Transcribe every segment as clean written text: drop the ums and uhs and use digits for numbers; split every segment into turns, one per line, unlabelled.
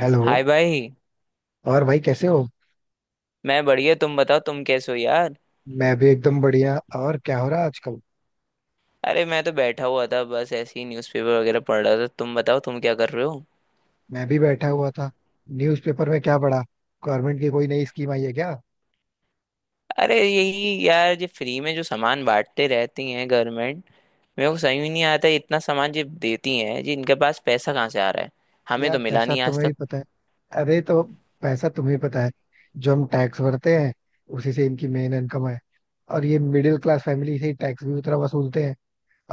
Hello.
Hi भाई।
और भाई कैसे हो?
मैं बढ़िया, तुम बताओ, तुम कैसे हो यार?
मैं भी एकदम बढ़िया। और क्या हो रहा है आजकल?
अरे मैं तो बैठा हुआ था, बस ऐसे ही न्यूज़पेपर वगैरह पढ़ रहा था। तुम बताओ तुम क्या कर रहे हो?
मैं भी बैठा हुआ था। न्यूज़पेपर में क्या पढ़ा? गवर्नमेंट की कोई नई स्कीम आई है क्या?
अरे यही यार, ये फ्री में जो सामान बांटते रहती हैं गवर्नमेंट, मेरे को समझ में नहीं आता इतना सामान जो देती हैं जी, इनके पास पैसा कहाँ से आ रहा है। हमें
यार
तो मिला
पैसा
नहीं आज
तुम्हें भी
तक।
पता है। अरे तो पैसा तुम्हें पता है, जो हम टैक्स भरते हैं उसी से इनकी मेन इनकम है। और ये मिडिल क्लास फैमिली से ही टैक्स भी उतना वसूलते हैं।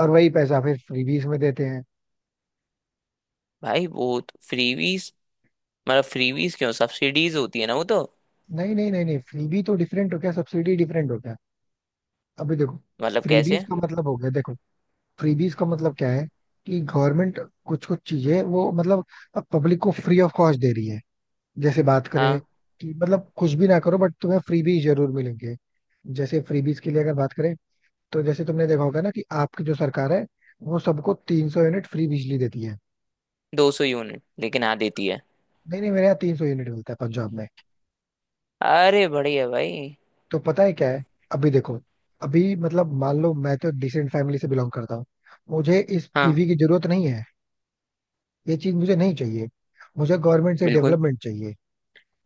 और वही पैसा फिर फ्रीबीज में देते हैं।
भाई वो तो फ्रीवीज, मतलब फ्रीवीज क्यों, सब्सिडीज होती है ना वो तो।
नहीं नहीं नहीं नहीं, फ्रीबी तो डिफरेंट हो गया, सब्सिडी डिफरेंट हो गया। अभी देखो।
मतलब
फ्रीबीज
कैसे?
का मतलब हो गया, देखो। फ्रीबीज का मतलब क्या है कि गवर्नमेंट कुछ कुछ चीजें वो मतलब पब्लिक को फ्री ऑफ कॉस्ट दे रही है। जैसे बात करें
हाँ।
कि मतलब कुछ भी ना करो बट तुम्हें फ्रीबीज जरूर मिलेंगे। जैसे फ्रीबीज के लिए अगर बात करें, तो जैसे तुमने देखा होगा ना कि आपकी जो सरकार है, वो सबको 300 यूनिट फ्री बिजली देती है।
200 यूनिट लेकिन आ देती है।
नहीं नहीं, मेरे यहाँ 300 यूनिट मिलता है पंजाब में।
अरे बढ़िया भाई।
तो पता है क्या है। अभी देखो। अभी मतलब मान लो, मैं तो डिसेंट फैमिली से बिलोंग करता हूँ। मुझे इस
हाँ।
फ्रीबी की जरूरत नहीं है। ये चीज मुझे नहीं चाहिए। मुझे गवर्नमेंट से
बिल्कुल।
डेवलपमेंट चाहिए।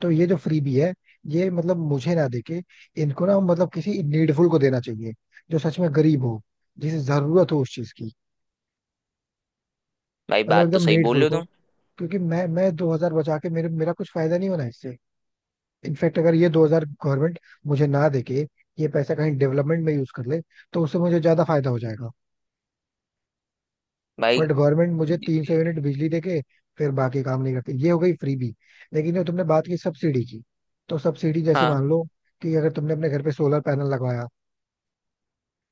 तो ये जो फ्रीबी है, ये मतलब मुझे ना देके, इनको ना मतलब किसी नीडफुल को देना चाहिए, जो सच में गरीब हो, जिसे जरूरत हो उस चीज की।
भाई
मतलब
बात तो
एकदम
सही बोल
नीडफुल
रहे हो
को।
तुम।
क्योंकि मैं 2000 बचा के मेरे मेरा कुछ फायदा नहीं होना इससे। इनफैक्ट अगर ये 2000 गवर्नमेंट मुझे ना देके ये पैसा कहीं डेवलपमेंट में यूज कर ले, तो उससे मुझे ज्यादा फायदा हो जाएगा।
भाई।
बट गवर्नमेंट मुझे 300
हाँ।
यूनिट बिजली देके फिर बाकी काम नहीं करती, ये हो गई फ्रीबी। लेकिन जो तुमने बात की सब्सिडी की, तो सब्सिडी जैसे मान लो कि अगर तुमने अपने घर पे सोलर पैनल लगवाया,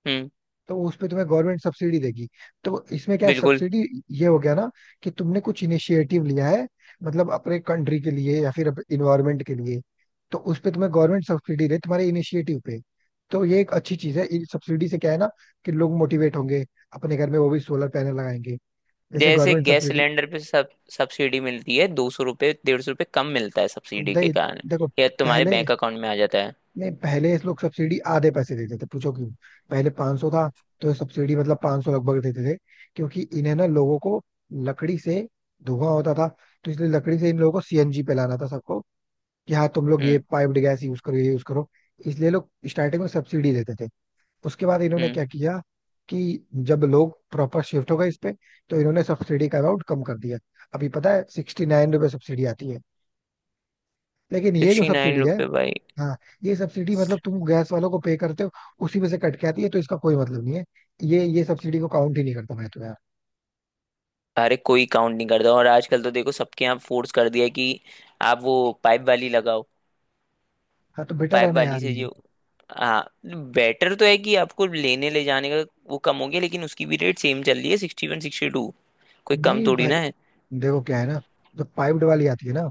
हम्म।
तो उस पे तुम्हें गवर्नमेंट सब्सिडी देगी। तो इसमें क्या है
बिल्कुल।
सब्सिडी। ये हो गया ना कि तुमने कुछ इनिशिएटिव लिया है, मतलब अपने कंट्री के लिए या फिर इन्वायरमेंट के लिए, तो उस पे तुम्हें गवर्नमेंट सब्सिडी दे तुम्हारे इनिशिएटिव पे। तो ये एक अच्छी चीज है इन सब्सिडी से, क्या है ना कि लोग मोटिवेट होंगे, अपने घर में वो भी सोलर पैनल लगाएंगे जैसे
जैसे
गवर्नमेंट
गैस
सब्सिडी।
सिलेंडर पे सब सब्सिडी मिलती है, 200 रुपये 150 रुपये कम मिलता है सब्सिडी के
दे,
कारण।
देखो।
या तुम्हारे
पहले,
बैंक अकाउंट में आ जाता है।
नहीं पहले इस लोग सब्सिडी आधे पैसे देते थे, पूछो क्यों। पहले 500 था, तो ये सब्सिडी मतलब 500 लगभग देते थे, क्योंकि इन्हें ना, लोगों को लकड़ी से धुआं होता था, तो इसलिए लकड़ी से इन लोगों को सीएनजी पे लाना था सबको। कि हाँ तुम लोग ये
हम्म।
पाइप्ड गैस यूज करो, ये यूज करो। इसलिए लोग स्टार्टिंग में सब्सिडी देते थे। उसके बाद इन्होंने
हम्म।
क्या किया कि जब लोग प्रॉपर शिफ्ट हो गए इस पे, तो इन्होंने सब्सिडी का अमाउंट कम कर दिया। अभी पता है 69 रुपये सब्सिडी आती है। लेकिन ये जो
सिक्सटी नाइन
सब्सिडी है,
रुपये भाई?
हाँ, ये सब्सिडी मतलब तुम गैस वालों को पे करते हो, उसी में से कट के आती है, तो इसका कोई मतलब नहीं है। ये सब्सिडी को काउंट ही नहीं करता मैं तो यार।
अरे कोई काउंट नहीं करता। और आजकल तो देखो सबके यहाँ फोर्स कर दिया है कि आप वो पाइप वाली लगाओ।
हाँ तो बेटर
पाइप
है ना
वाली
यार
से
ये।
जो, हाँ, बेटर तो है कि आपको लेने ले जाने का वो कम हो गया, लेकिन उसकी भी रेट सेम चल रही है 61, 62। कोई कम
नहीं
थोड़ी
भाई,
ना है।
देखो क्या है ना, जो पाइप्ड वाली आती है ना,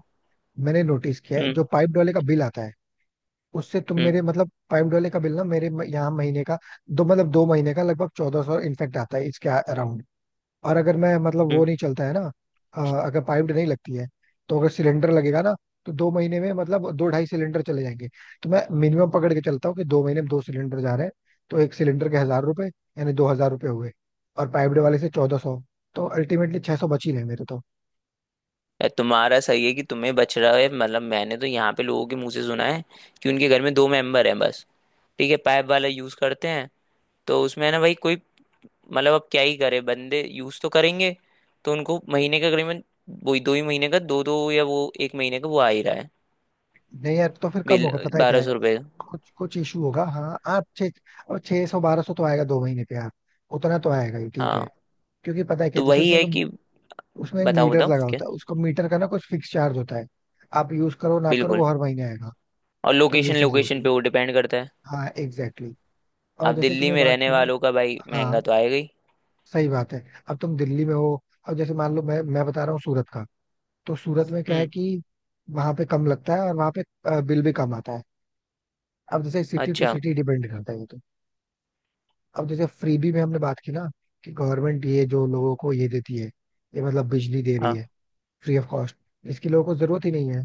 मैंने नोटिस किया है
हम्म।
जो पाइप्ड वाले का बिल आता है, उससे तुम
हम्म।
मेरे मतलब पाइप्ड वाले का बिल ना मेरे यहाँ महीने का, दो मतलब दो महीने का लगभग 1400 इनफेक्ट आता है इसके अराउंड। और अगर मैं मतलब वो
हम्म।
नहीं चलता है ना, अगर पाइप नहीं लगती है, तो अगर सिलेंडर लगेगा ना, तो दो महीने में मतलब दो ढाई सिलेंडर चले जाएंगे। तो मैं मिनिमम पकड़ के चलता हूँ कि दो महीने में दो सिलेंडर जा रहे हैं। तो 1 सिलेंडर के 1000 रुपए यानी 2000 रुपए हुए, और पाइप वाले से 1400, तो अल्टीमेटली 600 बची नहीं मेरे तो।
यार तुम्हारा सही है कि तुम्हें बच रहा है, मतलब मैंने तो यहाँ पे लोगों के मुंह से सुना है कि उनके घर में दो मेंबर हैं बस। ठीक है, पाइप वाला यूज करते हैं। तो उसमें है ना भाई कोई, मतलब अब क्या ही करे बंदे, यूज तो करेंगे। तो उनको महीने का करीबन वही, दो ही महीने का, दो दो, या वो एक महीने का वो आ ही रहा है।
नहीं यार, तो फिर कम
बिल।
होगा, पता है क्या
बारह
है,
सौ रुपये
कुछ कुछ इशू होगा। हाँ आप छः, और 600 1200 तो आएगा दो महीने पे यार। उतना तो आएगा ही, ठीक है।
हाँ।
क्योंकि पता है क्या
तो
जैसे
वही
उसमें
है
तो,
कि,
उसमें एक
बताओ
मीटर
बताओ
लगा
क्या।
होता है उसको, मीटर का ना कुछ फिक्स चार्ज होता है। आप यूज करो ना करो, वो
बिल्कुल।
हर महीने आएगा।
और
तो ये
लोकेशन
चीज होती
लोकेशन
है।
पे वो डिपेंड करता है।
हाँ एग्जैक्टली exactly। और
आप
जैसे
दिल्ली
तुमने
में
बात
रहने
की ना,
वालों का भाई महंगा
हाँ,
तो आएगा ही।
सही बात है। अब तुम दिल्ली में हो। अब जैसे मान लो मैं बता रहा हूँ सूरत का। तो सूरत में क्या है
हम्म।
कि वहां पे कम लगता है, और वहां पे बिल भी कम आता है। अब जैसे सिटी टू
अच्छा।
सिटी डिपेंड करता है ये तो। अब जैसे फ्रीबी में हमने बात की ना कि गवर्नमेंट ये जो लोगों को ये देती है, ये मतलब बिजली दे रही
हाँ।
है फ्री ऑफ कॉस्ट, इसकी लोगों को जरूरत ही नहीं है।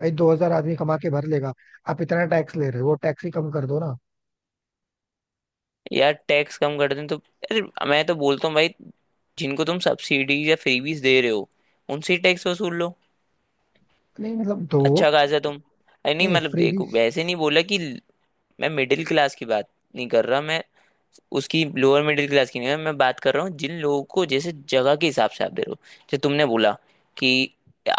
भाई 2000 आदमी कमा के भर लेगा। आप इतना टैक्स ले रहे हो, वो टैक्स ही कम कर दो ना।
यार टैक्स कम कर दें तो, अरे, मैं तो बोलता हूँ भाई, जिनको तुम सब्सिडीज या फ्रीबीज दे रहे हो उनसे ही टैक्स वसूल लो।
नहीं मतलब दो।
अच्छा खासा तुम, अरे नहीं
नहीं
मतलब
फ्री भी।
देखो वैसे नहीं बोला कि मैं मिडिल क्लास की बात नहीं कर रहा। मैं उसकी लोअर मिडिल क्लास की नहीं है, मैं बात कर रहा हूँ जिन लोगों को जैसे जगह के हिसाब से आप दे रहे हो। जैसे तुमने बोला कि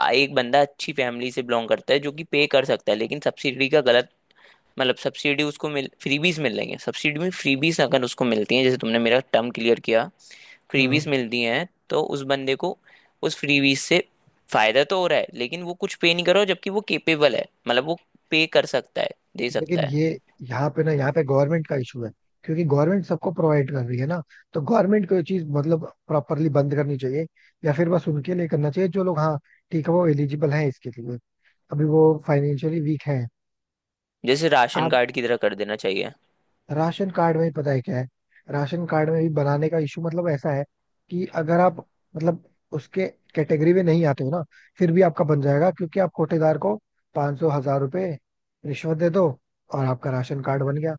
एक बंदा अच्छी फैमिली से बिलोंग करता है जो कि पे कर सकता है, लेकिन सब्सिडी का गलत मतलब, सब्सिडी उसको मिल फ्रीबीज मिल रही है। सब्सिडी में फ्रीबीज अगर उसको मिलती है, जैसे तुमने मेरा टर्म क्लियर किया,
हाँ
फ्रीबीज मिलती हैं तो उस बंदे को उस फ्रीबीज से फायदा तो हो रहा है, लेकिन वो कुछ पे नहीं कर रहा, जबकि वो केपेबल है, मतलब वो पे कर सकता है, दे सकता
लेकिन
है।
ये, यहाँ पे ना यहाँ पे गवर्नमेंट का इशू है, क्योंकि गवर्नमेंट सबको प्रोवाइड कर रही है ना। तो गवर्नमेंट को ये चीज मतलब प्रॉपरली बंद करनी चाहिए, या फिर बस उनके लिए करना चाहिए जो लोग, हाँ ठीक है, वो एलिजिबल हैं इसके लिए। अभी वो फाइनेंशियली वीक हैं।
जैसे राशन कार्ड की तरह कर देना चाहिए।
राशन कार्ड में ही पता है क्या है, राशन कार्ड में भी बनाने का इशू मतलब ऐसा है कि अगर आप मतलब उसके कैटेगरी में नहीं आते हो ना, फिर भी आपका बन जाएगा, क्योंकि आप कोटेदार को 500 1000 रुपए रिश्वत दे दो और आपका राशन कार्ड बन गया।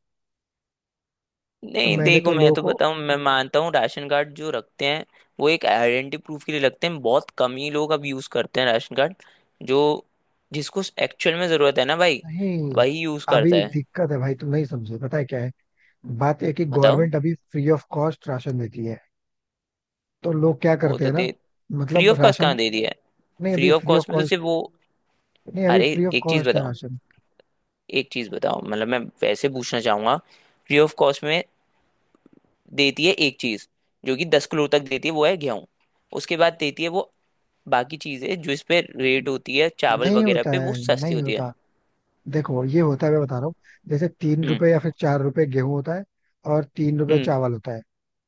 तो
नहीं
मैंने
देखो
तो
मैं
लोगों
तो
को,
बताऊं, मैं मानता हूँ राशन कार्ड जो रखते हैं वो एक आइडेंटिटी प्रूफ के लिए रखते हैं। बहुत कम ही लोग अब यूज करते हैं राशन कार्ड। जो जिसको एक्चुअल में जरूरत है ना भाई,
नहीं
वही यूज करता
अभी
है।
दिक्कत है भाई, तुम नहीं समझे, पता है क्या है। बात यह है कि
बताओ।
गवर्नमेंट अभी फ्री ऑफ कॉस्ट राशन देती है। तो लोग क्या
वो
करते
तो
हैं ना,
दे, फ्री
मतलब
ऑफ कॉस्ट
राशन।
कहाँ दे रही है?
नहीं
फ्री
अभी
ऑफ
फ्री ऑफ
कॉस्ट में तो सिर्फ
कॉस्ट,
वो,
नहीं अभी
अरे
फ्री ऑफ
एक चीज
कॉस्ट है
बताओ।
राशन।
एक चीज बताओ, मतलब मैं वैसे पूछना चाहूंगा, फ्री ऑफ कॉस्ट में देती है एक चीज जो कि 10 किलो तक देती है वो है गेहूं। उसके बाद देती है वो बाकी चीजें जो इस पे रेट होती है, चावल
नहीं
वगैरह
होता
पे, वो
है,
सस्ती
नहीं
होती है।
होता, देखो ये होता है, मैं बता रहा हूँ, जैसे तीन
हम्म।
रुपए या फिर 4 रुपए गेहूं होता है, और 3 रुपए
हम्म।
चावल होता है,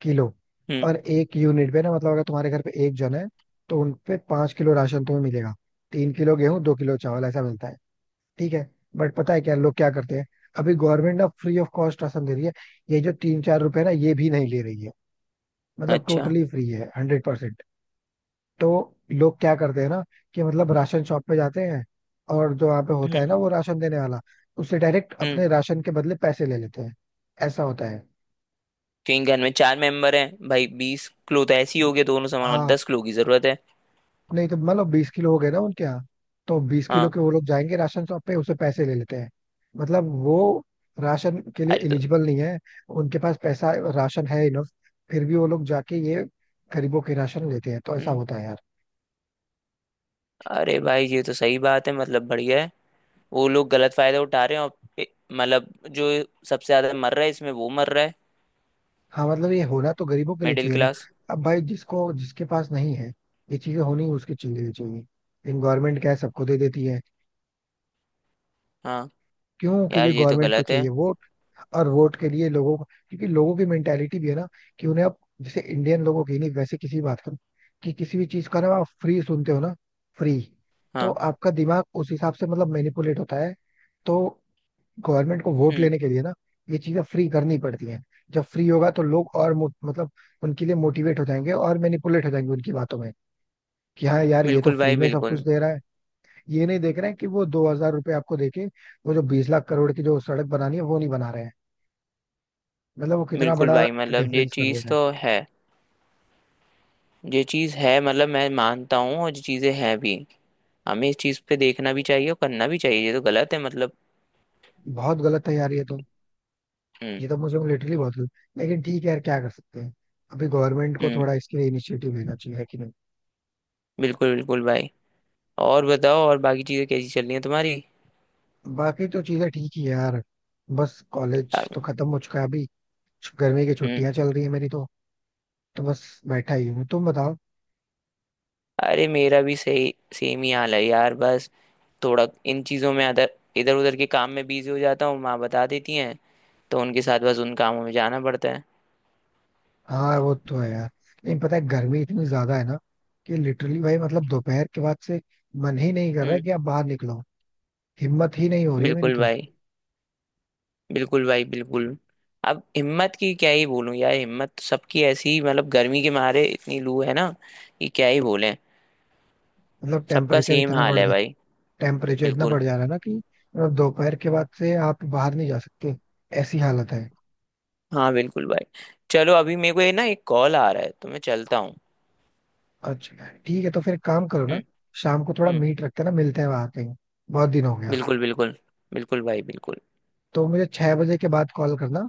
किलो।
हम्म।
और एक यूनिट पे ना मतलब अगर तुम्हारे घर पे एक जन है, तो उनपे 5 किलो राशन तुम्हें मिलेगा, 3 किलो गेहूं 2 किलो चावल ऐसा मिलता है, ठीक है। बट पता है क्या लोग क्या करते हैं, अभी गवर्नमेंट ना फ्री ऑफ कॉस्ट राशन दे रही है, ये जो 3 4 रुपए ना ये भी नहीं ले रही है, मतलब
अच्छा।
टोटली फ्री है 100%। तो लोग क्या करते हैं ना कि मतलब राशन शॉप पे जाते हैं, और जो वहाँ पे होता है
हम्म।
ना वो राशन देने वाला, उससे डायरेक्ट अपने
हम्म।
राशन के बदले पैसे ले लेते हैं। ऐसा होता है।
क्योंकि घर में चार मेंबर हैं भाई, 20 किलो तो ऐसे ही हो गए दोनों सामान और
हाँ,
10 किलो की जरूरत है।
नहीं तो मतलब 20 किलो हो गए ना उनके यहाँ, तो 20 किलो
हाँ।
के वो लोग जाएंगे राशन शॉप पे, उसे पैसे ले लेते हैं। मतलब वो राशन के लिए
अरे तो,
एलिजिबल नहीं है, उनके पास पैसा राशन है इनफ। फिर भी वो लोग जाके ये गरीबों के राशन लेते हैं, तो ऐसा
हम्म,
होता है।
अरे भाई ये तो सही बात है, मतलब बढ़िया है। वो लोग गलत फायदा उठा रहे हैं और ए- मतलब जो सबसे ज्यादा मर रहा है इसमें वो मर रहा है,
हाँ मतलब ये होना तो गरीबों के लिए
मिडिल
चाहिए ना।
क्लास।
अब भाई जिसको जिसके पास नहीं है, ये चीजें होनी उसके लिए चाहिए, लेकिन गवर्नमेंट क्या है सबको दे देती है।
हाँ
क्यों?
यार
क्योंकि
ये तो
गवर्नमेंट को
गलत है।
चाहिए वोट। और वोट के लिए लोगों को, क्योंकि लोगों की मेंटेलिटी भी है ना कि उन्हें आप जैसे इंडियन लोगों की नहीं, वैसे किसी बात का, कि किसी भी चीज का ना आप फ्री सुनते हो ना, फ्री, तो
हाँ।
आपका दिमाग उस हिसाब से मतलब मैनिपुलेट होता है। तो गवर्नमेंट को वोट
हम्म।
लेने के लिए ना ये चीजें फ्री करनी पड़ती हैं। जब फ्री होगा तो लोग और मतलब उनके लिए मोटिवेट हो जाएंगे और मैनिपुलेट हो जाएंगे उनकी बातों में, कि हाँ यार ये तो
बिल्कुल
फ्री
भाई
में सब कुछ
बिल्कुल।
दे रहा है। ये नहीं देख रहे हैं कि वो 2000 रुपये आपको देके, वो जो 20 लाख करोड़ की जो सड़क बनानी है वो नहीं बना रहे हैं। मतलब वो कितना
बिल्कुल
बड़ा
भाई मतलब ये
डिफरेंस कर
चीज़
देते हैं।
तो है। ये चीज़ है मतलब मैं मानता हूँ, और ये चीज़ें हैं भी। हमें इस चीज़ पे देखना भी चाहिए और करना भी चाहिए, ये तो गलत है मतलब।
बहुत गलत है यार ये तो, ये
हम्म।
तो मुझे लिटरली बहुत गलत। लेकिन ठीक है यार, क्या कर सकते हैं। अभी गवर्नमेंट को
हम्म।
थोड़ा इसके लिए इनिशिएटिव लेना चाहिए है कि नहीं।
बिल्कुल बिल्कुल भाई। और बताओ, और बाकी चीज़ें कैसी चल रही हैं तुम्हारी?
बाकी तो चीजें ठीक ही है यार, बस कॉलेज
यार।
तो खत्म हो चुका है अभी। गर्मी की
हम्म।
छुट्टियां चल रही है मेरी तो बस बैठा ही हूँ, तुम बताओ।
अरे मेरा भी सही सेम ही हाल है यार, बस थोड़ा इन चीज़ों में अदर इधर उधर के काम में बिजी हो जाता हूँ, माँ बता देती हैं तो उनके साथ बस उन कामों में जाना पड़ता है।
हाँ वो तो है यार। लेकिन पता है गर्मी इतनी ज्यादा है ना कि लिटरली भाई मतलब दोपहर के बाद से मन ही नहीं कर रहा है
हम्म।
कि आप बाहर निकलो। हिम्मत ही नहीं हो रही है मेरी
बिल्कुल
तो।
भाई। बिल्कुल भाई बिल्कुल। अब हिम्मत की क्या ही बोलूं यार, हिम्मत तो सबकी ऐसी ही, मतलब गर्मी के मारे इतनी लू है ना कि क्या ही बोलें।
मतलब
सबका सेम हाल है भाई।
टेम्परेचर इतना
बिल्कुल।
बढ़ जा रहा है ना कि मतलब दोपहर के बाद से आप बाहर नहीं जा सकते, ऐसी हालत है।
हाँ बिल्कुल भाई। चलो अभी मेरे को ये ना एक कॉल आ रहा है तो मैं चलता हूँ।
अच्छा ठीक है, तो फिर एक काम करो ना,
हम्म।
शाम को थोड़ा
हम्म।
मीट रखते हैं ना, मिलते हैं वहां कहीं, बहुत दिन हो गया।
बिल्कुल बिल्कुल। बिल्कुल भाई बिल्कुल।
तो मुझे 6 बजे के बाद कॉल करना,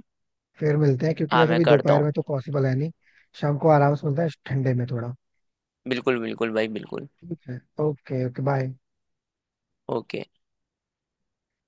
फिर मिलते हैं, क्योंकि
हाँ
वैसे
मैं
भी
करता
दोपहर
हूँ।
में तो पॉसिबल है नहीं। शाम को आराम से मिलता है ठंडे में थोड़ा।
बिल्कुल बिल्कुल भाई बिल्कुल।
ठीक है, ओके ओके, बाय।
ओके।